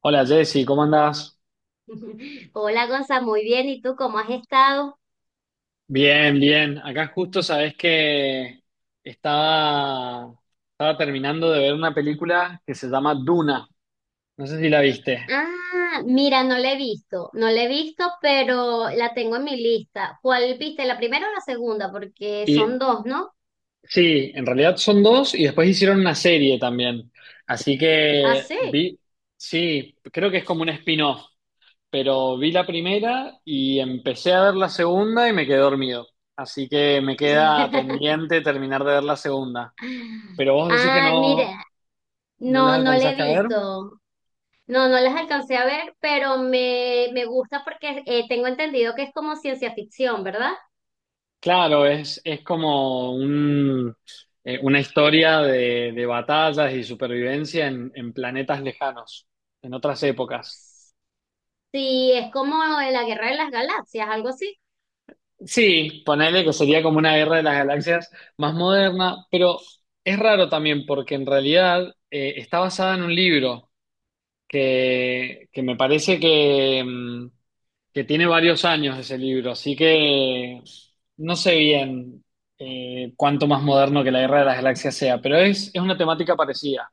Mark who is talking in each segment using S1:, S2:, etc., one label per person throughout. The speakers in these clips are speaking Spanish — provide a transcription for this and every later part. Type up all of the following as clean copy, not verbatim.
S1: Hola, Jessy, ¿cómo andás?
S2: Hola, Gonza, muy bien. ¿Y tú cómo has estado?
S1: Bien, bien. Acá justo sabés que estaba, estaba terminando de ver una película que se llama Duna. No sé si la viste.
S2: Ah, mira, no la he visto, no la he visto, pero la tengo en mi lista. ¿Cuál viste? ¿La primera o la segunda? Porque
S1: Y
S2: son dos, ¿no?
S1: sí, en realidad son dos y después hicieron una serie también. Así
S2: Ah,
S1: que
S2: sí.
S1: vi, sí, creo que es como un spin-off, pero vi la primera y empecé a ver la segunda y me quedé dormido. Así que me queda pendiente terminar de ver la segunda. Pero vos decís que
S2: Ah, mira,
S1: no. ¿No las
S2: no, no la he
S1: alcanzaste a ver?
S2: visto. No, no las alcancé a ver, pero me gusta porque tengo entendido que es como ciencia ficción, ¿verdad?
S1: Claro, es como una historia de batallas y supervivencia en planetas lejanos, en otras épocas.
S2: Sí, es como la Guerra de las Galaxias, algo así.
S1: Sí, ponele que sería como una guerra de las galaxias más moderna, pero es raro también porque en realidad está basada en un libro que me parece que tiene varios años ese libro, así que no sé bien cuánto más moderno que la Guerra de las Galaxias sea, pero es una temática parecida,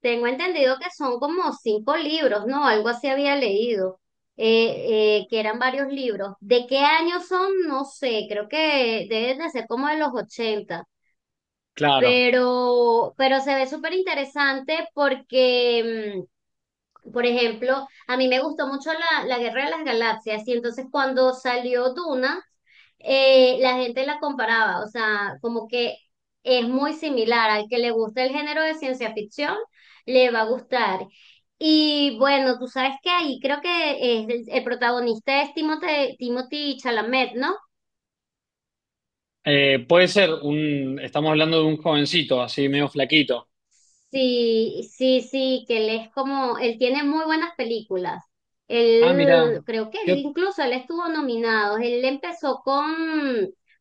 S2: Tengo entendido que son como cinco libros, ¿no? Algo así había leído, que eran varios libros. ¿De qué año son? No sé, creo que deben de ser como de los 80,
S1: claro.
S2: pero se ve súper interesante porque por ejemplo, a mí me gustó mucho la Guerra de las Galaxias, y entonces cuando salió Duna, la gente la comparaba, o sea, como que es muy similar, al que le gusta el género de ciencia ficción, le va a gustar. Y bueno, tú sabes que ahí creo que el protagonista es Timothy Chalamet, ¿no?
S1: Puede ser estamos hablando de un jovencito, así medio flaquito.
S2: Sí, sí, sí, que él es como, él tiene muy buenas películas.
S1: Ah, mira.
S2: Él, creo que él
S1: qué-
S2: incluso él estuvo nominado. Él empezó con,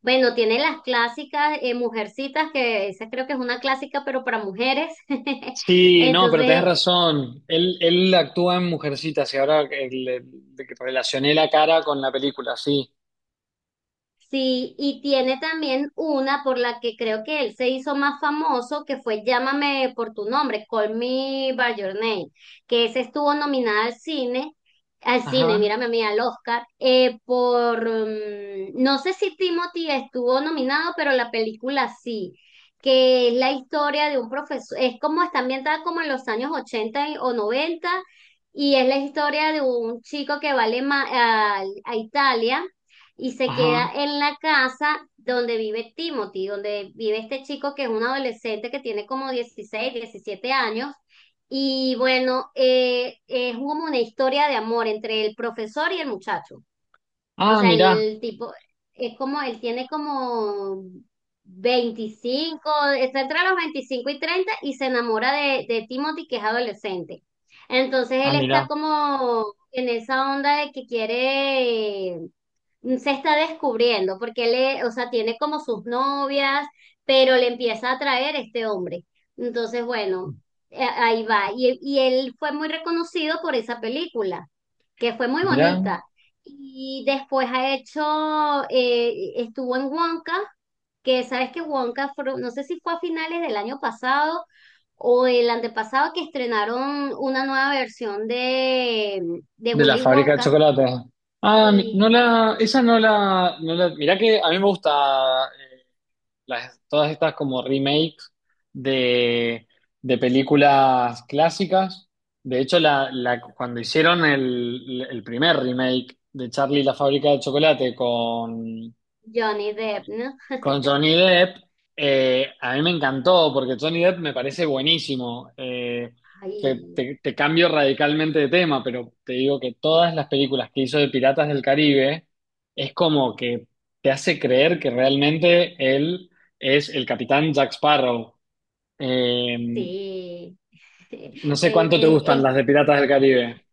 S2: bueno, tiene las clásicas, Mujercitas, que esa creo que es una clásica, pero para mujeres.
S1: sí, no, pero tenés
S2: Entonces,
S1: razón. Él actúa en Mujercitas y ahora que de que relacioné la cara con la película, sí.
S2: sí, y tiene también una por la que creo que él se hizo más famoso, que fue Llámame por tu nombre, Call Me by Your Name, que esa estuvo nominada al cine,
S1: Ajá,
S2: mírame a mí, al Oscar, no sé si Timothy estuvo nominado, pero la película sí, que es la historia de un profesor, es como está ambientada como en los años 80 o 90, y es la historia de un chico que va a a Italia y se queda
S1: ajá.
S2: en la casa donde vive Timothy, donde vive este chico que es un adolescente que tiene como 16, 17 años. Y bueno, es como una historia de amor entre el profesor y el muchacho. O
S1: Ah,
S2: sea,
S1: mira,
S2: el tipo es como, él tiene como 25, está entre los 25 y 30 y se enamora de Timothy, que es adolescente. Entonces
S1: ah,
S2: él está
S1: mira,
S2: como en esa onda de que quiere, se está descubriendo, porque él, o sea, tiene como sus novias, pero le empieza a atraer este hombre. Entonces, bueno, ahí va. Y él fue muy reconocido por esa película, que fue muy
S1: mira.
S2: bonita. Y después ha hecho, estuvo en Wonka, que sabes que Wonka, no sé si fue a finales del año pasado o el antepasado, que estrenaron una nueva versión de
S1: De la
S2: Willy
S1: fábrica de
S2: Wonka
S1: chocolate. No
S2: y
S1: la, esa no la, mirá que a mí me gusta, eh, todas estas como remake de, de películas clásicas. De hecho, cuando hicieron el primer remake de Charlie y la fábrica de chocolate con
S2: Johnny Depp, ¿no?
S1: con Johnny Depp. A mí me encantó porque Johnny Depp me parece buenísimo. Eh, te,
S2: Ay,
S1: te- te cambio radicalmente de tema, pero te digo que todas las películas que hizo de Piratas del Caribe es como que te hace creer que realmente él es el capitán Jack Sparrow. Eh,
S2: sí.
S1: no sé cuánto te
S2: Eh, eh,
S1: gustan las de Piratas del Caribe.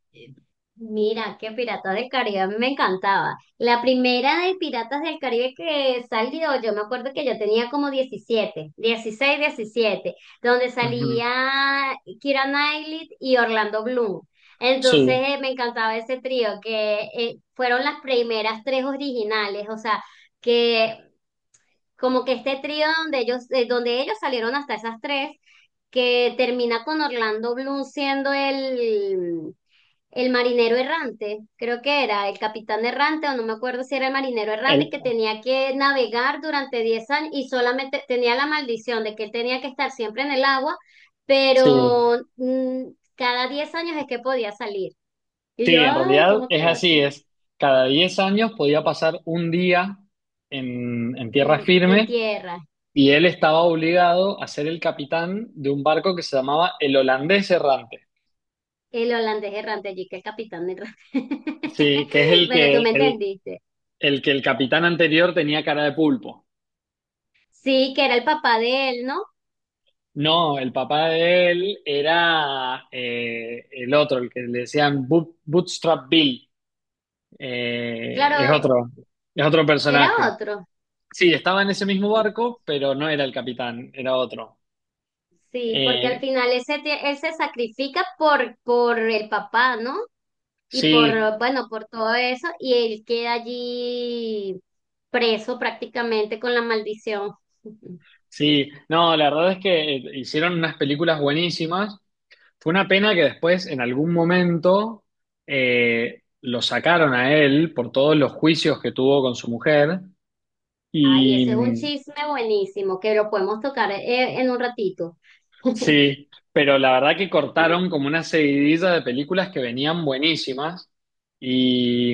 S2: Mira, que Piratas del Caribe a mí me encantaba. La primera de Piratas del Caribe que salió, yo me acuerdo que yo tenía como 17, 16, 17, donde
S1: Ujú.
S2: salía Keira Knightley y Orlando Bloom. Entonces,
S1: Sí,
S2: me encantaba ese trío, que fueron las primeras tres originales, o sea, que como que este trío donde ellos salieron hasta esas tres, que termina con Orlando Bloom siendo el... el marinero errante, creo que era el capitán errante, o no me acuerdo si era el marinero
S1: el
S2: errante, que tenía que navegar durante 10 años y solamente tenía la maldición de que él tenía que estar siempre en el agua,
S1: sí.
S2: pero cada 10 años es que podía salir. Y yo,
S1: Sí, en
S2: ay,
S1: realidad
S2: ¿cómo
S1: es
S2: quedó
S1: así,
S2: así?
S1: es cada 10 años podía pasar un día en tierra
S2: En
S1: firme
S2: tierra,
S1: y él estaba obligado a ser el capitán de un barco que se llamaba el Holandés Errante,
S2: el holandés errante allí, que el capitán errante.
S1: sí, que es el
S2: Bueno, tú
S1: que
S2: me
S1: el,
S2: entendiste.
S1: el que el capitán anterior tenía cara de pulpo.
S2: Sí, que era el papá de él, ¿no?
S1: No, el papá de él era el otro, el que le decían Bootstrap Bill, eh, es
S2: Claro,
S1: otro, es otro
S2: era
S1: personaje.
S2: otro.
S1: Sí, estaba en ese mismo barco, pero no era el capitán, era otro.
S2: Sí, porque
S1: Eh,
S2: al final ese él se sacrifica por el papá, ¿no? Y por,
S1: sí,
S2: bueno, por todo eso, y él queda allí preso prácticamente con la maldición.
S1: sí. No, la verdad es que hicieron unas películas buenísimas. Fue una pena que después, en algún momento, lo sacaron a él por todos los juicios que tuvo con su mujer.
S2: Ay, ese
S1: Y,
S2: es un
S1: mm,
S2: chisme buenísimo, que lo podemos tocar, en un ratito.
S1: Sí, pero la verdad que
S2: Sí,
S1: cortaron como una seguidilla de películas que venían buenísimas y,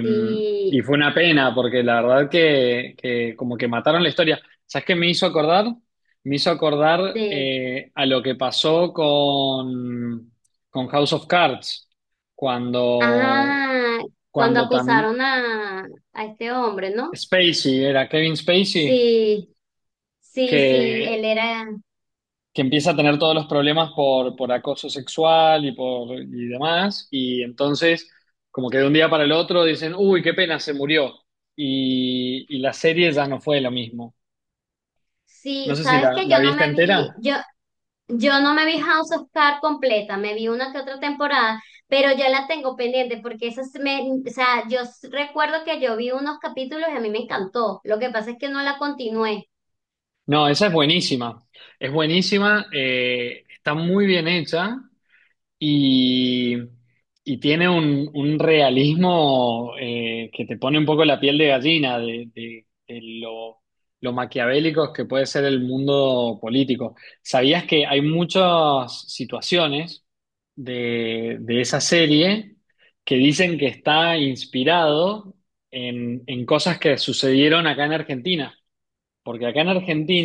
S1: y
S2: sí,
S1: fue una pena porque la verdad que como que mataron la historia. ¿Sabes qué me hizo acordar? Me hizo acordar
S2: de,
S1: a lo que pasó con House of Cards, cuando,
S2: ah, cuando
S1: cuando tam-
S2: acusaron a este hombre, ¿no?
S1: Spacey, era Kevin Spacey,
S2: Sí, sí, sí,
S1: que
S2: él era...
S1: que empieza a tener todos los problemas por acoso sexual y demás, y entonces como que de un día para el otro dicen, uy, qué pena, se murió, y la serie ya no fue lo mismo. No
S2: Sí,
S1: sé si
S2: sabes
S1: la,
S2: que
S1: la
S2: yo no
S1: viste
S2: me
S1: entera.
S2: vi, yo no me vi House of Cards completa, me vi una que otra temporada, pero ya la tengo pendiente porque esa se me, o sea, recuerdo que yo vi unos capítulos y a mí me encantó. Lo que pasa es que no la continué.
S1: No, esa es buenísima, está muy bien hecha. Y, y tiene un realismo que te pone un poco la piel de gallina de lo maquiavélico que puede ser el mundo político. ¿Sabías que hay muchas situaciones de esa serie que dicen que está inspirado en cosas que sucedieron acá en Argentina? Porque acá en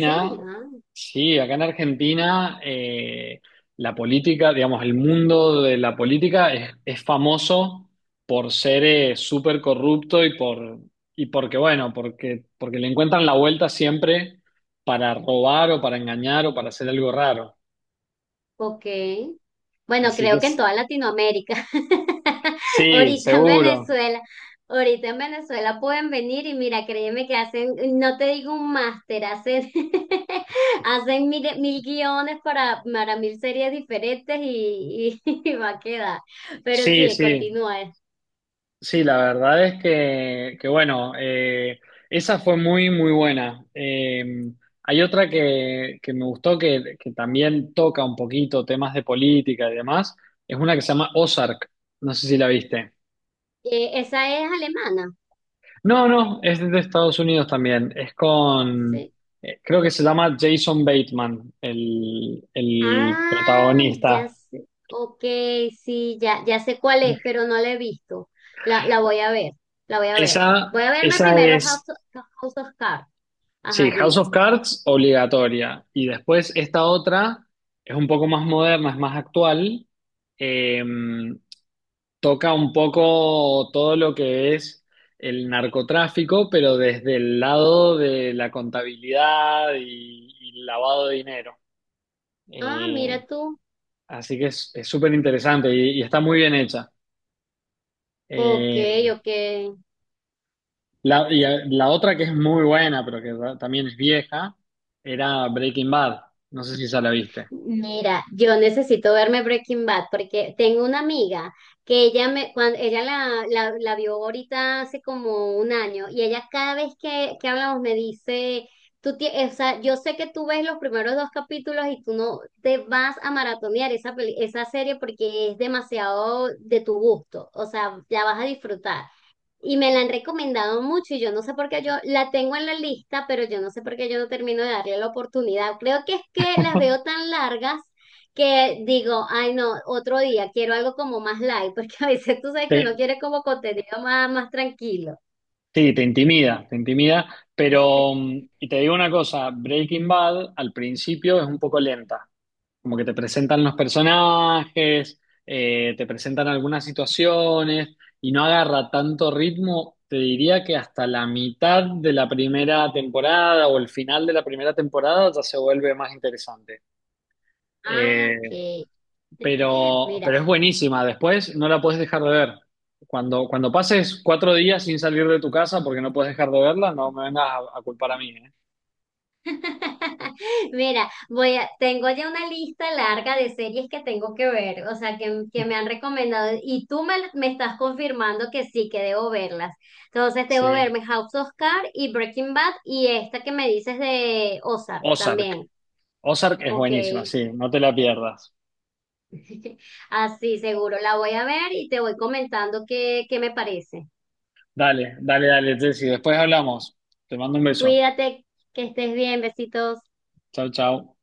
S2: Sí, ah,
S1: sí, acá en Argentina la política, digamos, el mundo de la política es famoso por ser súper corrupto y por y porque, bueno, porque le encuentran la vuelta siempre para robar o para engañar o para hacer algo raro.
S2: ok. Bueno,
S1: Así que
S2: creo que en toda Latinoamérica.
S1: sí,
S2: Ahorita en
S1: seguro.
S2: Venezuela, ahorita en Venezuela pueden venir, y mira, créeme que hacen, no te digo un máster, hacen, hacen mil guiones para mil series diferentes va a quedar. Pero
S1: Sí,
S2: sí,
S1: sí.
S2: continúa.
S1: Sí, la verdad es que bueno, esa fue muy, muy buena. Hay otra que me gustó que también toca un poquito temas de política y demás. Es una que se llama Ozark. No sé si la viste.
S2: Esa es alemana.
S1: No, no, es de Estados Unidos también. Es con,
S2: Sí.
S1: creo que se llama Jason Bateman, el
S2: Ah, ya
S1: protagonista.
S2: sé. Ok, sí, ya, ya sé cuál es, pero no la he visto. La voy a ver, la voy a ver. Voy
S1: Esa,
S2: a verme
S1: esa
S2: primero
S1: es
S2: House of Cards.
S1: Sí,
S2: Ajá,
S1: House
S2: dime.
S1: of Cards obligatoria. Y después esta otra es un poco más moderna, es más actual. Eh, Toca un poco todo lo que es el narcotráfico, pero desde el lado de la contabilidad y lavado de dinero.
S2: Ah,
S1: Eh,
S2: mira tú.
S1: Así que es súper interesante y está muy bien hecha.
S2: Ok,
S1: Eh,
S2: ok.
S1: la otra que es muy buena, pero que también es vieja, era Breaking Bad. No sé si ya la viste.
S2: Mira, yo necesito verme Breaking Bad porque tengo una amiga que ella me, cuando ella la vio ahorita hace como un año, y ella cada vez que hablamos me dice, o sea, yo sé que tú ves los primeros dos capítulos y tú no te vas a maratonear esa esa serie porque es demasiado de tu gusto, o sea, la vas a disfrutar. Y me la han recomendado mucho y yo no sé por qué yo la tengo en la lista, pero yo no sé por qué yo no termino de darle la oportunidad. Creo que es que las veo tan largas que digo, ay no, otro día quiero algo como más light, porque a veces tú sabes que uno quiere como contenido más tranquilo.
S1: Sí, te intimida, pero, y te digo una cosa, Breaking Bad al principio es un poco lenta, como que te presentan los personajes, te presentan algunas situaciones y no agarra tanto ritmo, te diría que hasta la mitad de la primera temporada o el final de la primera temporada ya se vuelve más interesante.
S2: Ah, ok.
S1: Eh, pero,
S2: Mira,
S1: pero es buenísima. Después no la puedes dejar de ver. Cuando, cuando pases 4 días sin salir de tu casa porque no puedes dejar de verla, no me vengas a culpar a mí, ¿eh?
S2: Mira, tengo ya una lista larga de series que tengo que ver, o sea, que me han recomendado, y tú me estás confirmando que sí, que debo verlas. Entonces, debo
S1: Sí.
S2: verme House of Cards y Breaking Bad y esta que me dices de Ozark
S1: Ozark.
S2: también.
S1: Ozark es
S2: Ok,
S1: buenísima, sí, no te la pierdas.
S2: así seguro la voy a ver y te voy comentando qué me parece.
S1: Dale, dale, dale, Jessy. Después hablamos. Te mando un beso.
S2: Cuídate, que estés bien, besitos.
S1: Chao, chao.